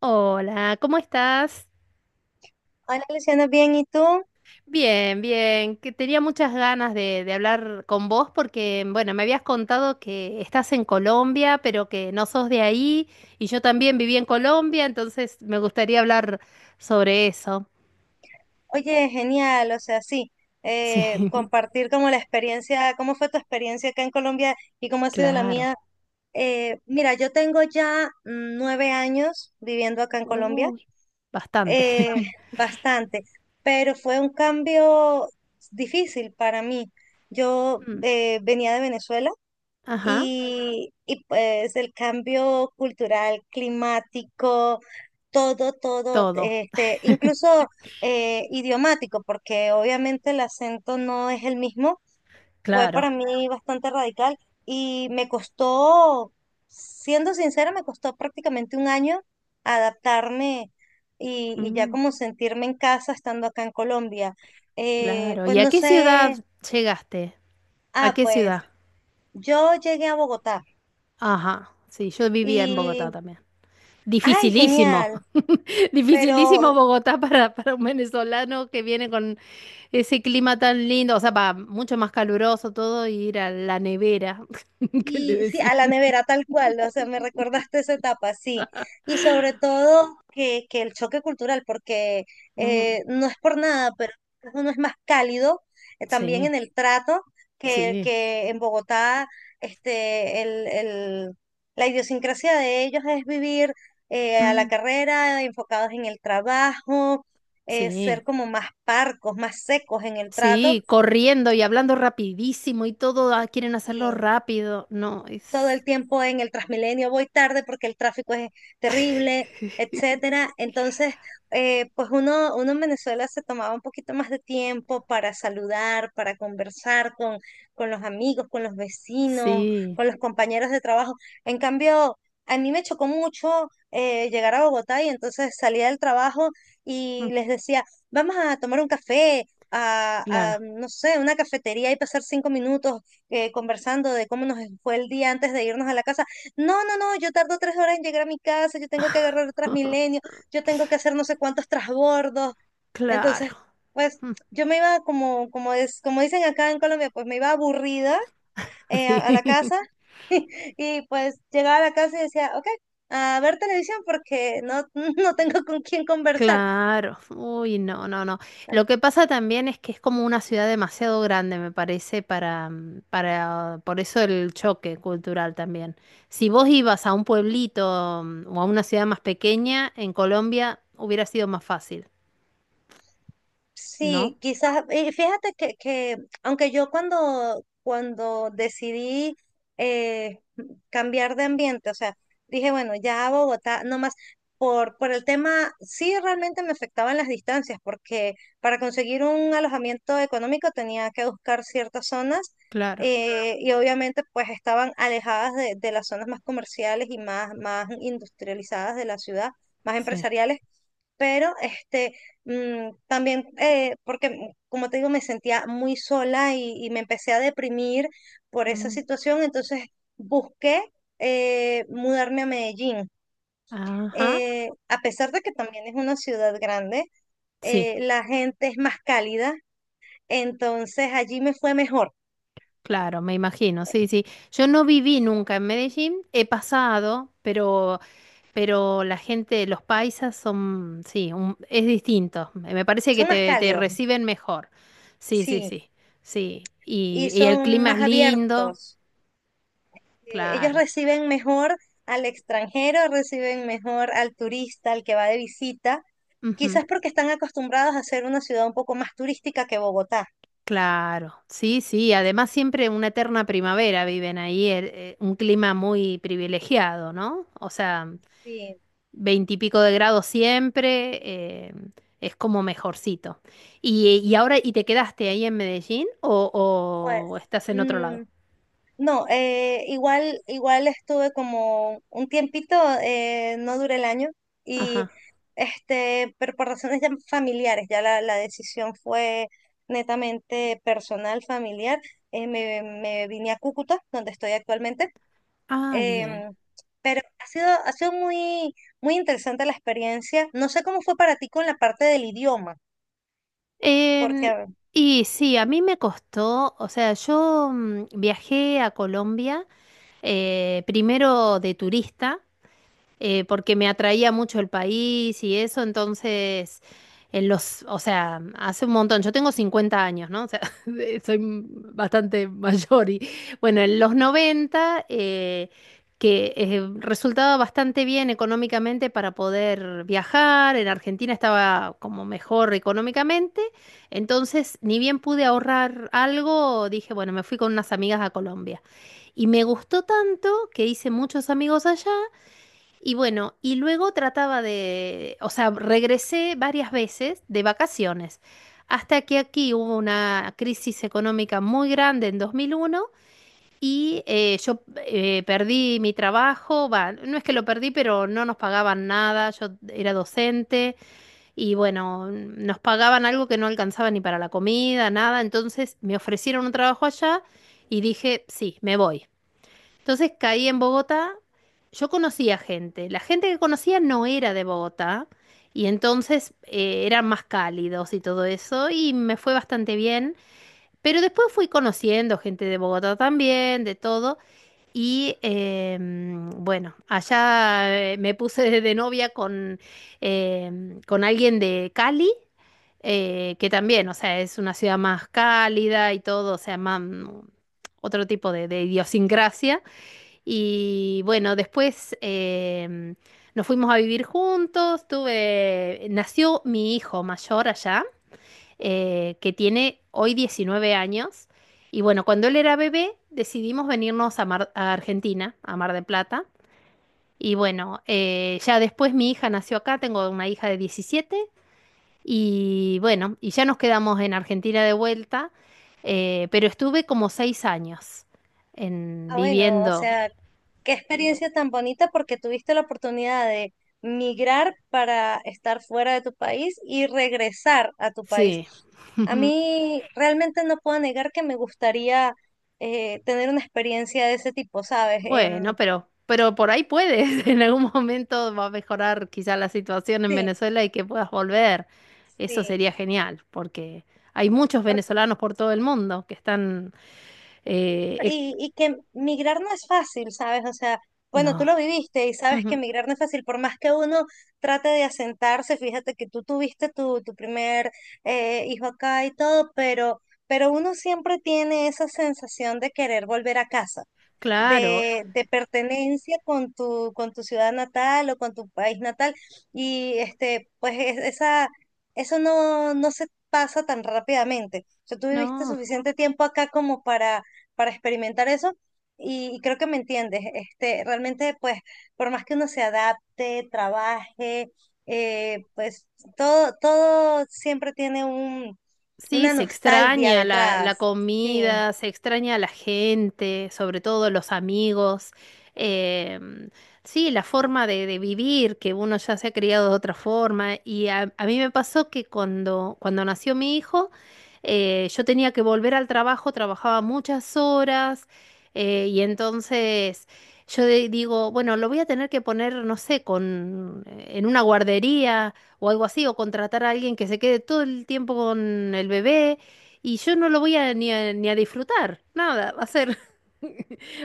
Hola, ¿cómo estás? Hola Luciana, bien, ¿y tú? Bien, bien, que tenía muchas ganas de hablar con vos porque, bueno, me habías contado que estás en Colombia, pero que no sos de ahí y yo también viví en Colombia, entonces me gustaría hablar sobre eso. Oye, genial, o sea, sí, Sí, compartir como la experiencia, cómo fue tu experiencia acá en Colombia y cómo ha sido la mía. claro. Mira, yo tengo ya 9 años viviendo acá en Colombia, Uy, bastante. eh, bastante, pero fue un cambio difícil para mí. Yo Mm, venía de Venezuela ajá, y pues el cambio cultural, climático todo, todo, incluso idiomático, porque obviamente el acento no es el mismo, fue claro. para mí bastante radical y me costó, siendo sincera, me costó prácticamente 1 año adaptarme y ya Mm, como sentirme en casa estando acá en Colombia. Claro. Pues ¿Y a no qué ciudad sé, llegaste? ¿A qué pues ciudad? yo llegué a Bogotá Ajá, sí, yo vivía en Bogotá y, también. ay, Dificilísimo, genial, dificilísimo pero Bogotá para un venezolano que viene con ese clima tan lindo, o sea, va mucho más caluroso todo y ir a la nevera, que le y sí, decían. a la nevera tal cual, o sea, me recordaste esa etapa, sí. Y sobre todo que el choque cultural, porque Mm, no es por nada, pero uno es más cálido también sí, en el trato que, sí, que en Bogotá, este, la idiosincrasia de ellos es vivir a la mm, carrera, enfocados en el trabajo, ser sí, como más parcos, más secos en el trato. sí, corriendo y hablando rapidísimo y todo, ah, quieren hacerlo rápido, no, Todo es. el tiempo en el Transmilenio, voy tarde porque el tráfico es terrible, etcétera. Entonces, pues uno en Venezuela se tomaba un poquito más de tiempo para saludar, para conversar con los amigos, con los vecinos, Sí, con los compañeros de trabajo. En cambio, a mí me chocó mucho llegar a Bogotá y entonces salía del trabajo y mm, les decía, vamos a tomar un café. Claro, No sé, una cafetería y pasar 5 minutos conversando de cómo nos fue el día antes de irnos a la casa. No, no, no, yo tardo 3 horas en llegar a mi casa, yo tengo que agarrar el Transmilenio, yo tengo que hacer no sé cuántos trasbordos. Entonces, claro, pues mm, yo me iba como, como es, como dicen acá en Colombia, pues me iba aburrida a la sí. casa y pues llegaba a la casa y decía, ok, a ver televisión porque no, no tengo con quién conversar. Claro, uy, no, no, no. Lo que pasa también es que es como una ciudad demasiado grande, me parece, para por eso el choque cultural también. Si vos ibas a un pueblito mm, o a una ciudad más pequeña, en Colombia hubiera sido más fácil, ¿no? Sí, quizás, y fíjate que aunque yo cuando decidí eh, cambiar de ambiente, o sea, dije, bueno, ya a Bogotá, no más, por el tema, sí realmente me afectaban las distancias, porque para conseguir un alojamiento económico tenía que buscar ciertas zonas Claro, y obviamente pues estaban alejadas de las zonas más comerciales y más, más industrializadas de la ciudad, más sí. empresariales pero este, también, porque como te digo, me sentía muy sola y me empecé a deprimir por esa Mm, situación, entonces busqué mudarme a Medellín. ajá, A pesar de que también es una ciudad grande, sí, la gente es más cálida, entonces allí me fue mejor. claro, me imagino, sí, sí. Yo no viví nunca en Medellín, he pasado, pero la gente, los paisas son, sí, es distinto. Me parece que Son más te cálidos, reciben mejor. Sí, sí, sí, sí, sí. y Y el son clima es más lindo, abiertos. Ellos claro. reciben mejor al extranjero, reciben mejor al turista, al que va de visita. Ujú, Quizás porque están acostumbrados a ser una ciudad un poco más turística que Bogotá. claro, sí, sí. Además siempre una eterna primavera viven ahí, un clima muy privilegiado, ¿no? O sea, Sí, veintipico de grados siempre, eh, es como mejorcito. Y ahora, ¿y te quedaste ahí en Medellín pues, o estás en otro mm, lado? no, igual, igual estuve como un tiempito, no duré el año, y Ajá. este, pero por razones ya familiares, ya la decisión fue netamente personal, familiar. Me vine a Cúcuta, donde estoy actualmente. Ah, bien. em, pero ha sido muy, muy interesante la experiencia. No sé cómo fue para ti con la parte del idioma. Em, Porque y sí, a mí me costó, o sea, viajé a Colombia primero de turista. Porque me atraía mucho el país y eso, entonces, o sea, hace un montón, yo tengo 50 años, ¿no? O sea, soy bastante mayor y bueno, en los 90 que resultaba bastante bien económicamente para poder viajar, en Argentina estaba como mejor económicamente, entonces ni bien pude ahorrar algo, dije, bueno, me fui con unas amigas a Colombia. Y me gustó tanto que hice muchos amigos allá y bueno, y luego trataba de, o sea, regresé varias veces de vacaciones, hasta que aquí hubo una crisis económica muy grande en 2001 y yo perdí mi trabajo, va, no es que lo perdí, pero no nos pagaban nada, yo era docente y bueno, mm, nos pagaban algo que no alcanzaba ni para la comida, nada, entonces me ofrecieron un trabajo allá y dije, sí, me voy. Entonces caí en Bogotá, yo conocía gente, la gente que conocía no era de Bogotá y entonces eran más cálidos y todo eso y me fue bastante bien, pero después fui conociendo gente de Bogotá también, de todo y bueno, allá me puse de novia con, con alguien de Cali que también, o sea, es una ciudad más cálida y todo, o sea, más mm, otro tipo de idiosincrasia. Y bueno, después nos fuimos a vivir juntos, tuve, nació mi hijo mayor allá, que tiene hoy 19 años. Y bueno, cuando él era bebé, decidimos venirnos a, a Argentina, a Mar del Plata. Y bueno, ya después mi hija nació acá, tengo una hija de 17. Y bueno, y ya nos quedamos en Argentina de vuelta, pero estuve como 6 años en bueno, o viviendo, sea, qué experiencia tan bonita porque tuviste la oportunidad de migrar para estar fuera de tu país y regresar a tu país. sí. A mí realmente no puedo negar que me gustaría tener una experiencia de ese tipo, ¿sabes? Bueno, pero por ahí puedes. En algún momento va a mejorar quizá la situación en Sí, Venezuela y que puedas volver. Eso sí, sería genial, porque hay muchos venezolanos por todo el mundo que están... eh, ec- y que migrar no es fácil, ¿sabes? O sea, bueno, tú no. lo viviste y sabes que Ujú. migrar no es fácil, por más que uno trate de asentarse, fíjate que tú tuviste tu, tu primer hijo acá y todo, pero uno siempre tiene esa sensación de querer volver a casa Claro, de pertenencia con tu ciudad natal o con tu país natal. Y este, pues esa, eso no, no se pasa tan rápidamente. O sea, tú viviste no. suficiente tiempo acá como para experimentar eso. Y creo que me entiendes. Este, realmente, pues, por más que uno se adapte, trabaje, pues todo, todo siempre tiene un, Sí, una se nostalgia extraña la, la detrás. Sí, comida, se extraña a la gente, sobre todo los amigos. em, sí, la forma de vivir, que uno ya se ha criado de otra forma. Y a mí me pasó que cuando, cuando nació mi hijo, yo tenía que volver al trabajo, trabajaba muchas horas, y entonces yo digo, bueno, lo voy a tener que poner, no sé, con, en una guardería o algo así, o contratar a alguien que se quede todo el tiempo con el bebé y yo no lo voy a ni ni a disfrutar, nada, va a ser...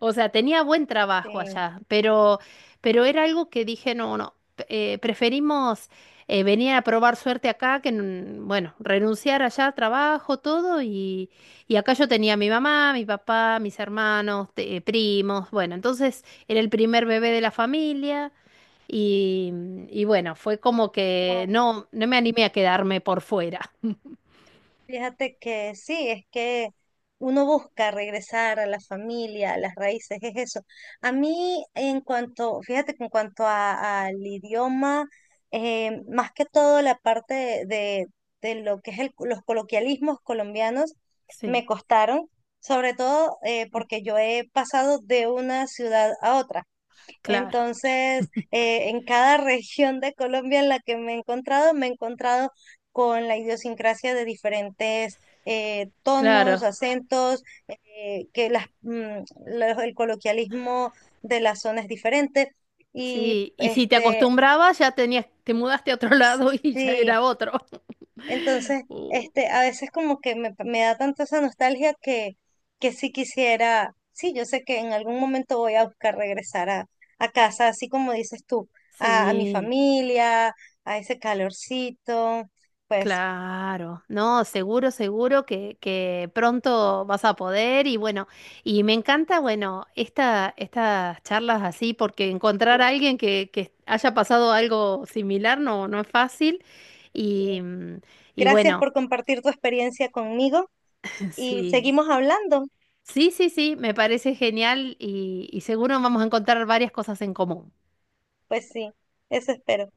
O sea, tenía buen trabajo sí, allá, pero era algo que dije, no, no, preferimos venir a probar suerte acá que, bueno, renunciar allá trabajo, todo, y acá yo tenía a mi mamá, mi papá, mis hermanos, primos, bueno, entonces era el primer bebé de la familia. Y, y bueno, fue como que no, no me animé a quedarme por fuera. fíjate que sí, es que uno busca regresar a la familia, a las raíces, es eso. A mí, en cuanto, fíjate que en cuanto al idioma, más que todo la parte de lo que es los coloquialismos colombianos, me Sí, costaron, sobre todo porque yo he pasado de una ciudad a otra. claro, Entonces, en cada región de Colombia en la que me he encontrado con la idiosincrasia de diferentes tonos, claro. acentos, que las, el coloquialismo de la zona es diferente. Y Sí, y si te este, acostumbrabas, ya tenías, te mudaste a otro lado y ya sí, era otro. entonces, Uh, este, a veces como que me da tanto esa nostalgia que sí quisiera, sí, yo sé que en algún momento voy a buscar regresar a casa, así como dices tú, a mi sí. familia, a ese calorcito, pues Claro, no, seguro, seguro que pronto vas a poder y bueno, y me encanta, bueno, esta, estas charlas así, porque sí, encontrar a alguien que haya pasado algo similar no, no es fácil y, sí. mm, y Gracias bueno, por compartir tu experiencia conmigo y sí, seguimos hablando, sí, sí, sí, me parece genial y seguro vamos a encontrar varias cosas en común. pues sí, eso espero.